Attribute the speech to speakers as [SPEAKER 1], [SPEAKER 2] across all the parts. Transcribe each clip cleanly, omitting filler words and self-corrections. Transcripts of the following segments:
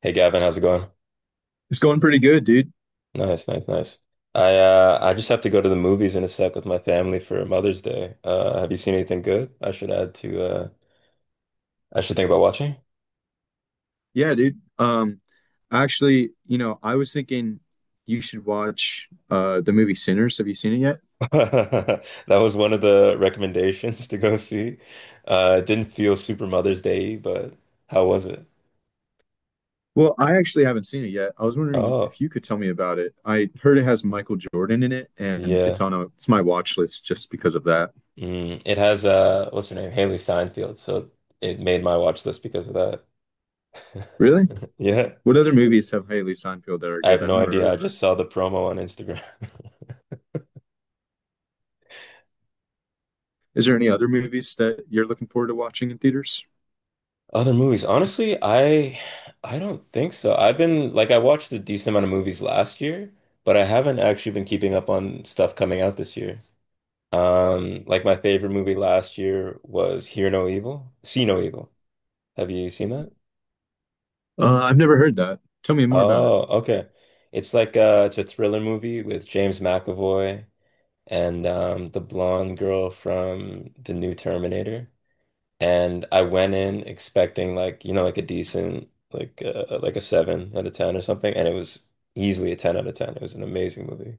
[SPEAKER 1] Hey Gavin, how's it going?
[SPEAKER 2] It's going pretty good, dude.
[SPEAKER 1] Nice, nice, nice. I just have to go to the movies in a sec with my family for Mother's Day. Have you seen anything good I should add to I should think about watching?
[SPEAKER 2] Yeah, dude. Actually, I was thinking you should watch the movie Sinners. Have you seen it yet?
[SPEAKER 1] That was one of the recommendations to go see. It didn't feel super Mother's Day, but how was it?
[SPEAKER 2] Well, I actually haven't seen it yet. I was wondering
[SPEAKER 1] Oh,
[SPEAKER 2] if you could tell me about it. I heard it has Michael Jordan in it, and it's
[SPEAKER 1] yeah.
[SPEAKER 2] on a it's my watch list just because of that.
[SPEAKER 1] Mm, it has what's her name? Haley Steinfeld. So it made my watch list because of that.
[SPEAKER 2] Really?
[SPEAKER 1] Yeah.
[SPEAKER 2] What other movies have Haley Steinfeld that are
[SPEAKER 1] I have
[SPEAKER 2] good? I've
[SPEAKER 1] no
[SPEAKER 2] never heard
[SPEAKER 1] idea. I
[SPEAKER 2] of her.
[SPEAKER 1] just saw the promo on Instagram.
[SPEAKER 2] Is there any other movies that you're looking forward to watching in theaters?
[SPEAKER 1] Other movies, honestly, I don't think so. I've been like I watched a decent amount of movies last year, but I haven't actually been keeping up on stuff coming out this year. Like my favorite movie last year was Hear No Evil, See No Evil. Have you seen that?
[SPEAKER 2] I've never heard that. Tell me more about it.
[SPEAKER 1] Oh, okay. It's like it's a thriller movie with James McAvoy and the blonde girl from the new Terminator. And I went in expecting like, you know, like a decent like a 7 out of 10 or something, and it was easily a 10 out of 10. It was an amazing movie.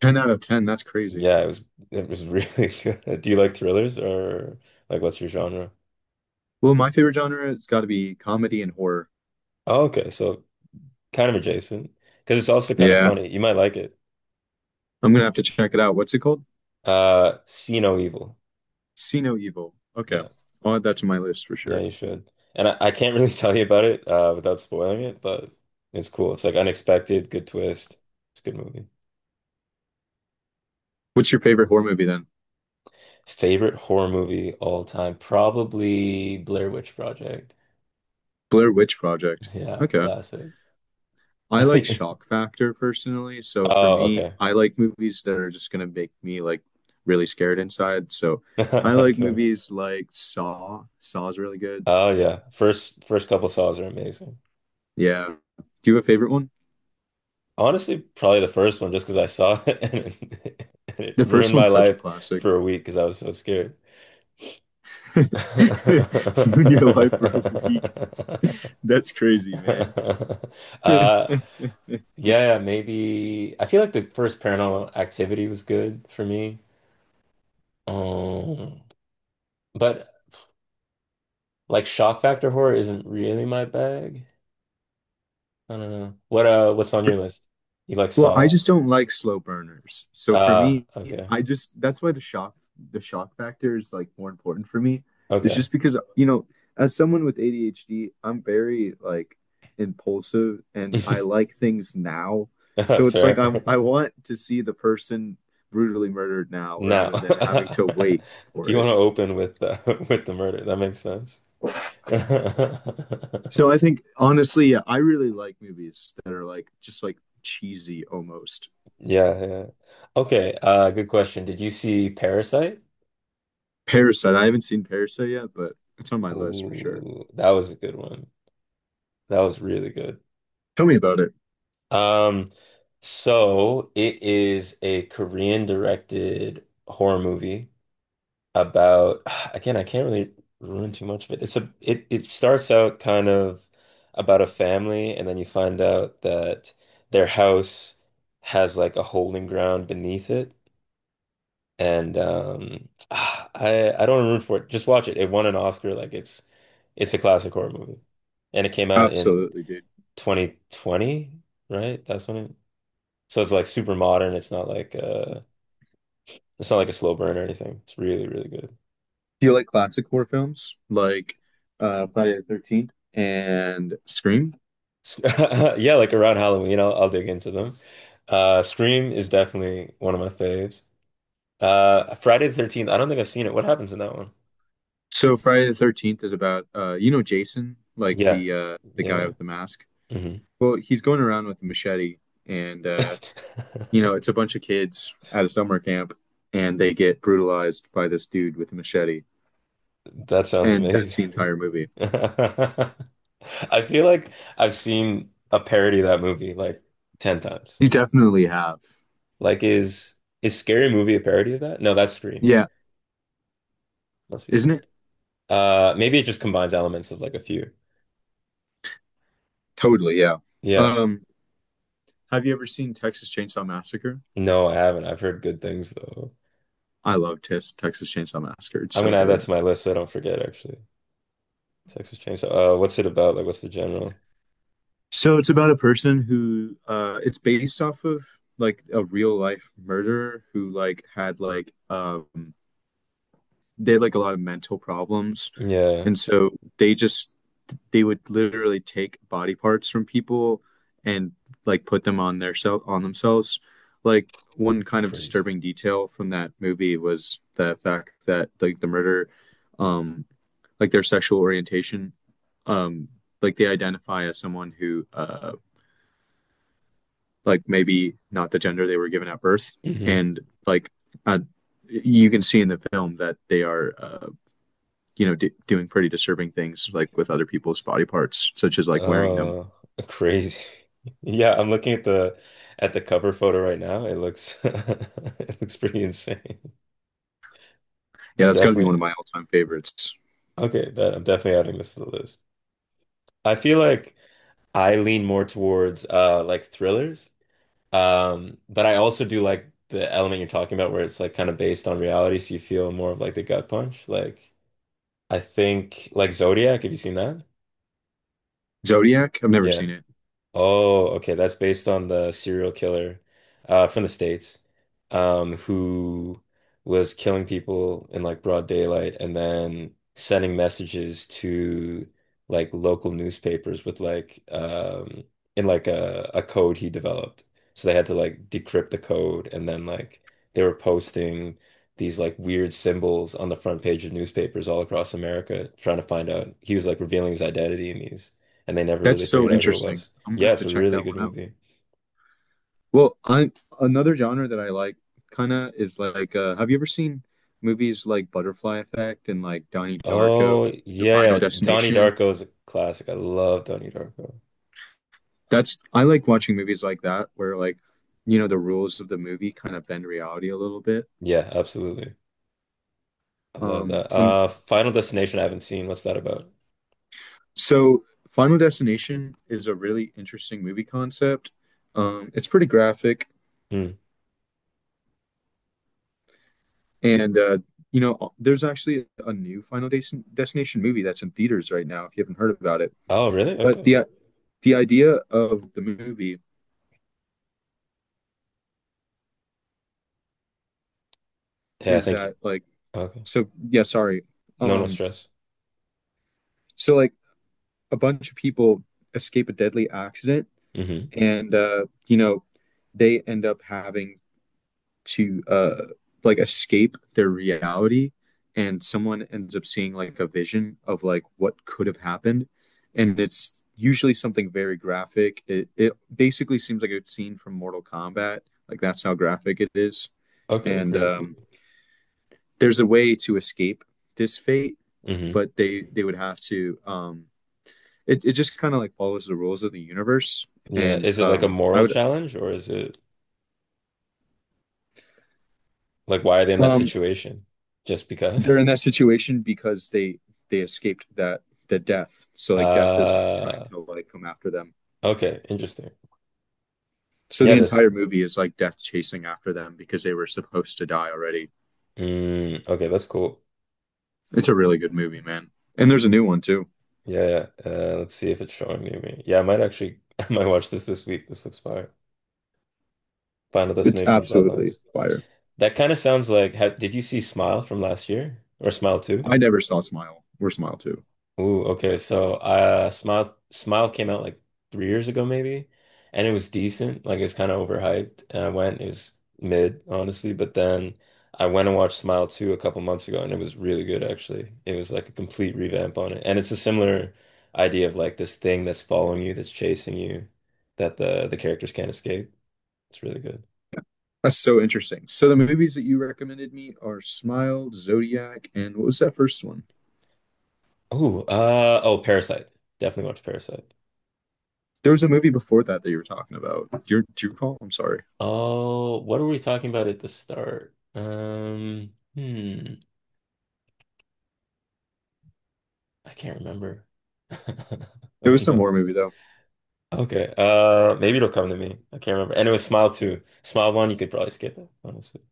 [SPEAKER 2] 10 out of 10, that's crazy.
[SPEAKER 1] Yeah, it was really good. Do you like thrillers or like what's your genre?
[SPEAKER 2] Well, my favorite genre has got to be comedy and horror.
[SPEAKER 1] Oh, okay, so kind of adjacent because it's also kind of
[SPEAKER 2] Yeah,
[SPEAKER 1] funny. You might like it.
[SPEAKER 2] I'm gonna have to check it out. What's it called?
[SPEAKER 1] See No Evil.
[SPEAKER 2] See No Evil. Okay,
[SPEAKER 1] Yeah,
[SPEAKER 2] I'll add that to my list for
[SPEAKER 1] yeah,
[SPEAKER 2] sure.
[SPEAKER 1] you should. And I can't really tell you about it without spoiling it, but it's cool. It's like unexpected, good twist. It's a good movie.
[SPEAKER 2] What's your favorite horror movie then?
[SPEAKER 1] Favorite horror movie all time? Probably Blair Witch Project.
[SPEAKER 2] Blair Witch Project.
[SPEAKER 1] Yeah,
[SPEAKER 2] Okay.
[SPEAKER 1] classic.
[SPEAKER 2] I like shock factor personally, so for
[SPEAKER 1] Oh,
[SPEAKER 2] me,
[SPEAKER 1] okay.
[SPEAKER 2] I like movies that are just gonna make me like really scared inside. So I like
[SPEAKER 1] Fair.
[SPEAKER 2] movies like Saw. Saw is really good.
[SPEAKER 1] Oh yeah. First couple saws are amazing.
[SPEAKER 2] Yeah. Do you have a favorite one?
[SPEAKER 1] Honestly, probably the first one just because I saw it and it, it
[SPEAKER 2] The
[SPEAKER 1] ruined
[SPEAKER 2] first
[SPEAKER 1] my
[SPEAKER 2] one's such a
[SPEAKER 1] life
[SPEAKER 2] classic.
[SPEAKER 1] for a week because I was so scared.
[SPEAKER 2] Your life for a week. That's crazy, man.
[SPEAKER 1] Uh yeah, yeah, maybe I feel like the first Paranormal Activity was good for me. Um But like shock factor horror isn't really my bag. I don't know. What what's on your list? You like
[SPEAKER 2] Well, I
[SPEAKER 1] Saw?
[SPEAKER 2] just don't like slow burners. So for
[SPEAKER 1] Ah,
[SPEAKER 2] me,
[SPEAKER 1] okay.
[SPEAKER 2] I just that's why the shock factor is like more important for me. It's
[SPEAKER 1] Okay.
[SPEAKER 2] just because you know, as someone with ADHD, I'm very like impulsive and I like things now. So it's like I
[SPEAKER 1] Fair.
[SPEAKER 2] I want to see the person brutally murdered now
[SPEAKER 1] No.
[SPEAKER 2] rather than having to wait for
[SPEAKER 1] You
[SPEAKER 2] it.
[SPEAKER 1] want to open with with the murder. That makes sense.
[SPEAKER 2] So I think honestly, yeah, I really like movies that are like just like cheesy almost.
[SPEAKER 1] Yeah, yeah. Okay, good question. Did you see Parasite?
[SPEAKER 2] Parasite. I haven't seen Parasite yet, but it's on my list for sure.
[SPEAKER 1] Ooh, that was a good one. That was really good.
[SPEAKER 2] Tell me about it.
[SPEAKER 1] Um, so it is a Korean directed horror movie about again, I can't really ruin too much of it. It's a it it starts out kind of about a family and then you find out that their house has like a holding ground beneath it. And I don't ruin for it. Just watch it. It won an Oscar. Like it's a classic horror movie. And it came out in
[SPEAKER 2] Absolutely, dude.
[SPEAKER 1] 2020, right? That's when it so it's like super modern. It's not like a slow burn or anything. It's really, really good.
[SPEAKER 2] Do you like classic horror films like Friday the 13th and Scream?
[SPEAKER 1] Yeah, like around Halloween, I'll dig into them. Scream is definitely one of my faves. Friday the 13th, I don't think I've seen it. What happens in that one?
[SPEAKER 2] So Friday the 13th is about you know Jason, like
[SPEAKER 1] Yeah,
[SPEAKER 2] the guy
[SPEAKER 1] yeah.
[SPEAKER 2] with the mask.
[SPEAKER 1] Hmm.
[SPEAKER 2] Well, he's going around with a machete and you know, it's a bunch of kids at a summer camp and they get brutalized by this dude with a machete.
[SPEAKER 1] That sounds
[SPEAKER 2] And
[SPEAKER 1] amazing.
[SPEAKER 2] that's the entire movie.
[SPEAKER 1] I feel like I've seen a parody of that movie like 10 times.
[SPEAKER 2] You definitely have.
[SPEAKER 1] Like is Scary Movie a parody of that? No, that's Scream.
[SPEAKER 2] Yeah,
[SPEAKER 1] Must be
[SPEAKER 2] isn't
[SPEAKER 1] Scream.
[SPEAKER 2] it?
[SPEAKER 1] Maybe it just combines elements of like a few.
[SPEAKER 2] Totally, yeah.
[SPEAKER 1] Yeah.
[SPEAKER 2] Um, have you ever seen Texas Chainsaw Massacre?
[SPEAKER 1] No, I haven't. I've heard good things though.
[SPEAKER 2] I love Tis Texas Chainsaw Massacre. It's
[SPEAKER 1] I'm
[SPEAKER 2] so
[SPEAKER 1] gonna add that
[SPEAKER 2] good.
[SPEAKER 1] to my list so I don't forget actually. Texas Chainsaw. What's it about? Like, what's the general?
[SPEAKER 2] So it's about a person who it's based off of like a real life murderer who like had like they had like a lot of mental problems
[SPEAKER 1] Yeah.
[SPEAKER 2] and so they just they would literally take body parts from people and like put them on their self on themselves. Like one kind of
[SPEAKER 1] Crazy.
[SPEAKER 2] disturbing detail from that movie was the fact that like the murder, um, like their sexual orientation, um, like they identify as someone who, like maybe not the gender they were given at birth,
[SPEAKER 1] Hmm.
[SPEAKER 2] and like uh, you can see in the film that they are, you know, doing pretty disturbing things like with other people's body parts, such as like wearing them.
[SPEAKER 1] Uh, crazy. Yeah, I'm looking at the cover photo right now. It looks it looks pretty insane.
[SPEAKER 2] Yeah,
[SPEAKER 1] I'm
[SPEAKER 2] that's got to be one
[SPEAKER 1] definitely
[SPEAKER 2] of my all-time favorites.
[SPEAKER 1] okay, bet I'm definitely adding this to the list. I feel like I lean more towards like thrillers. But I also do like the element you're talking about where it's like kind of based on reality, so you feel more of like the gut punch. Like I think like Zodiac, have you seen that?
[SPEAKER 2] Zodiac, I've never seen
[SPEAKER 1] Yeah.
[SPEAKER 2] it.
[SPEAKER 1] Oh, okay. That's based on the serial killer from the States who was killing people in like broad daylight and then sending messages to like local newspapers with like in like a code he developed. So they had to like decrypt the code and then like they were posting these like weird symbols on the front page of newspapers all across America trying to find out. He was like revealing his identity in these and they never
[SPEAKER 2] That's
[SPEAKER 1] really
[SPEAKER 2] so
[SPEAKER 1] figured out who it
[SPEAKER 2] interesting.
[SPEAKER 1] was.
[SPEAKER 2] I'm gonna
[SPEAKER 1] Yeah,
[SPEAKER 2] have
[SPEAKER 1] it's
[SPEAKER 2] to
[SPEAKER 1] a
[SPEAKER 2] check
[SPEAKER 1] really
[SPEAKER 2] that
[SPEAKER 1] good
[SPEAKER 2] one out.
[SPEAKER 1] movie.
[SPEAKER 2] Well, I, another genre that I like kind of is like, have you ever seen movies like Butterfly Effect and like Donnie Darko,
[SPEAKER 1] Oh,
[SPEAKER 2] The Final
[SPEAKER 1] yeah. Donnie
[SPEAKER 2] Destination?
[SPEAKER 1] Darko is a classic. I love Donnie Darko.
[SPEAKER 2] That's I like watching movies like that where like, you know, the rules of the movie kind of bend reality a little bit.
[SPEAKER 1] Yeah, absolutely. I love
[SPEAKER 2] Um,
[SPEAKER 1] that.
[SPEAKER 2] um,
[SPEAKER 1] Final Destination, I haven't seen. What's that about?
[SPEAKER 2] so Final Destination is a really interesting movie concept. It's pretty graphic.
[SPEAKER 1] Hmm.
[SPEAKER 2] And you know, there's actually a new Destination movie that's in theaters right now. If you haven't heard about it,
[SPEAKER 1] Oh, really?
[SPEAKER 2] but
[SPEAKER 1] Okay.
[SPEAKER 2] the idea of the movie
[SPEAKER 1] Yeah,
[SPEAKER 2] is
[SPEAKER 1] thank you.
[SPEAKER 2] that like
[SPEAKER 1] Okay.
[SPEAKER 2] so yeah sorry
[SPEAKER 1] No, no
[SPEAKER 2] um
[SPEAKER 1] stress.
[SPEAKER 2] so like a bunch of people escape a deadly accident
[SPEAKER 1] Hmm.
[SPEAKER 2] and you know they end up having to like escape their reality and someone ends up seeing like a vision of like what could have happened and it's usually something very graphic. It basically seems like a scene from mortal kombat, like that's how graphic it is.
[SPEAKER 1] Okay,
[SPEAKER 2] And
[SPEAKER 1] crazy.
[SPEAKER 2] there's a way to escape this fate
[SPEAKER 1] Hmm.
[SPEAKER 2] but they would have to um, it just kind of like follows the rules of the universe.
[SPEAKER 1] Yeah.
[SPEAKER 2] And
[SPEAKER 1] Is it like a
[SPEAKER 2] I
[SPEAKER 1] moral
[SPEAKER 2] would
[SPEAKER 1] challenge or is it like why are they in that
[SPEAKER 2] um
[SPEAKER 1] situation? Just because?
[SPEAKER 2] they're in that situation because they escaped that the death. So like death is like trying
[SPEAKER 1] Uh,
[SPEAKER 2] to like come after them.
[SPEAKER 1] okay, interesting.
[SPEAKER 2] So
[SPEAKER 1] Yeah,
[SPEAKER 2] the
[SPEAKER 1] that's
[SPEAKER 2] entire movie is like death chasing after them because they were supposed to die already.
[SPEAKER 1] mm, okay, that's cool.
[SPEAKER 2] It's a really good movie, man. And there's a new one too.
[SPEAKER 1] Yeah, yeah. Let's see if it's showing near me. Yeah, I might actually, I might watch this this week. This looks fire. Final
[SPEAKER 2] It's
[SPEAKER 1] Destination
[SPEAKER 2] absolutely
[SPEAKER 1] Bloodlines.
[SPEAKER 2] fire.
[SPEAKER 1] That kind of sounds like, how, did you see Smile from last year or Smile 2?
[SPEAKER 2] I never saw Smile or Smile Two.
[SPEAKER 1] Ooh, okay. So, Smile came out like 3 years ago, maybe, and it was decent. Like it was kind of overhyped, and I went. It was mid, honestly. But then I went and watched Smile 2 a couple months ago, and it was really good, actually. It was like a complete revamp on it, and it's a similar idea of like this thing that's following you, that's chasing you, that the characters can't escape. It's really good.
[SPEAKER 2] Yeah. That's so interesting. So the movies that you recommended me are Smile, Zodiac, and what was that first one?
[SPEAKER 1] Ooh, Parasite. Definitely watch Parasite.
[SPEAKER 2] There was a movie before that that you were talking about. Do you recall? I'm sorry.
[SPEAKER 1] Oh, what were we talking about at the start? Hmm. I can't remember.
[SPEAKER 2] It
[SPEAKER 1] Oh
[SPEAKER 2] was some
[SPEAKER 1] no.
[SPEAKER 2] horror movie though.
[SPEAKER 1] Okay. Maybe it'll come to me. I can't remember. And it was Smile 2. Smile 1, you could probably skip it, honestly.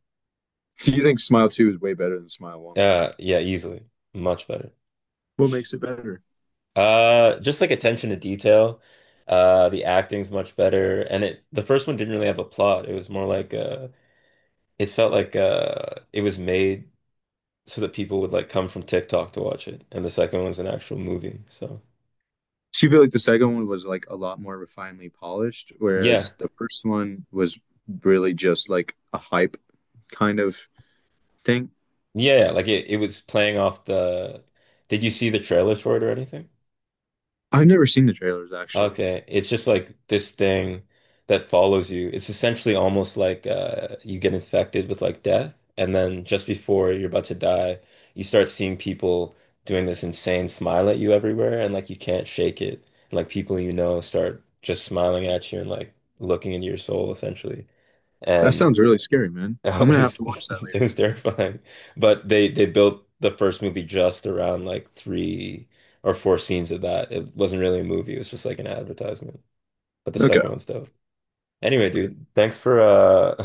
[SPEAKER 2] Do you think Smile Two is way better than Smile One?
[SPEAKER 1] Yeah, easily. Much better.
[SPEAKER 2] What makes it better?
[SPEAKER 1] Just like attention to detail. The acting's much better. And it the first one didn't really have a plot. It was more like it felt like it was made so that people would like come from TikTok to watch it. And the second one's an actual movie. So
[SPEAKER 2] So you feel like the second one was like a lot more refinedly polished,
[SPEAKER 1] yeah.
[SPEAKER 2] whereas the first one was really just like a hype kind of thing.
[SPEAKER 1] Yeah, yeah, like it was playing off the Did you see the trailers for it or anything?
[SPEAKER 2] I've never seen the trailers actually.
[SPEAKER 1] Okay, it's just like this thing that follows you. It's essentially almost like you get infected with like death, and then just before you're about to die, you start seeing people doing this insane smile at you everywhere, and like you can't shake it. And, like people you know start just smiling at you and like looking into your soul essentially.
[SPEAKER 2] That
[SPEAKER 1] And
[SPEAKER 2] sounds really scary, man. I'm
[SPEAKER 1] it
[SPEAKER 2] gonna have
[SPEAKER 1] was
[SPEAKER 2] to watch that
[SPEAKER 1] it
[SPEAKER 2] later
[SPEAKER 1] was
[SPEAKER 2] today.
[SPEAKER 1] terrifying. But they built the first movie just around like 3 or 4 scenes of that. It wasn't really a movie, it was just like an advertisement. But the
[SPEAKER 2] Okay.
[SPEAKER 1] second one's dope. Anyway, dude, thanks for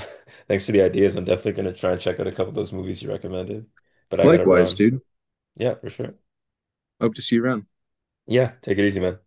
[SPEAKER 1] thanks for the ideas. I'm definitely gonna try and check out a couple of those movies you recommended. But I gotta
[SPEAKER 2] Likewise,
[SPEAKER 1] run.
[SPEAKER 2] dude.
[SPEAKER 1] Yeah, for sure.
[SPEAKER 2] Hope to see you around.
[SPEAKER 1] Yeah, take it easy, man.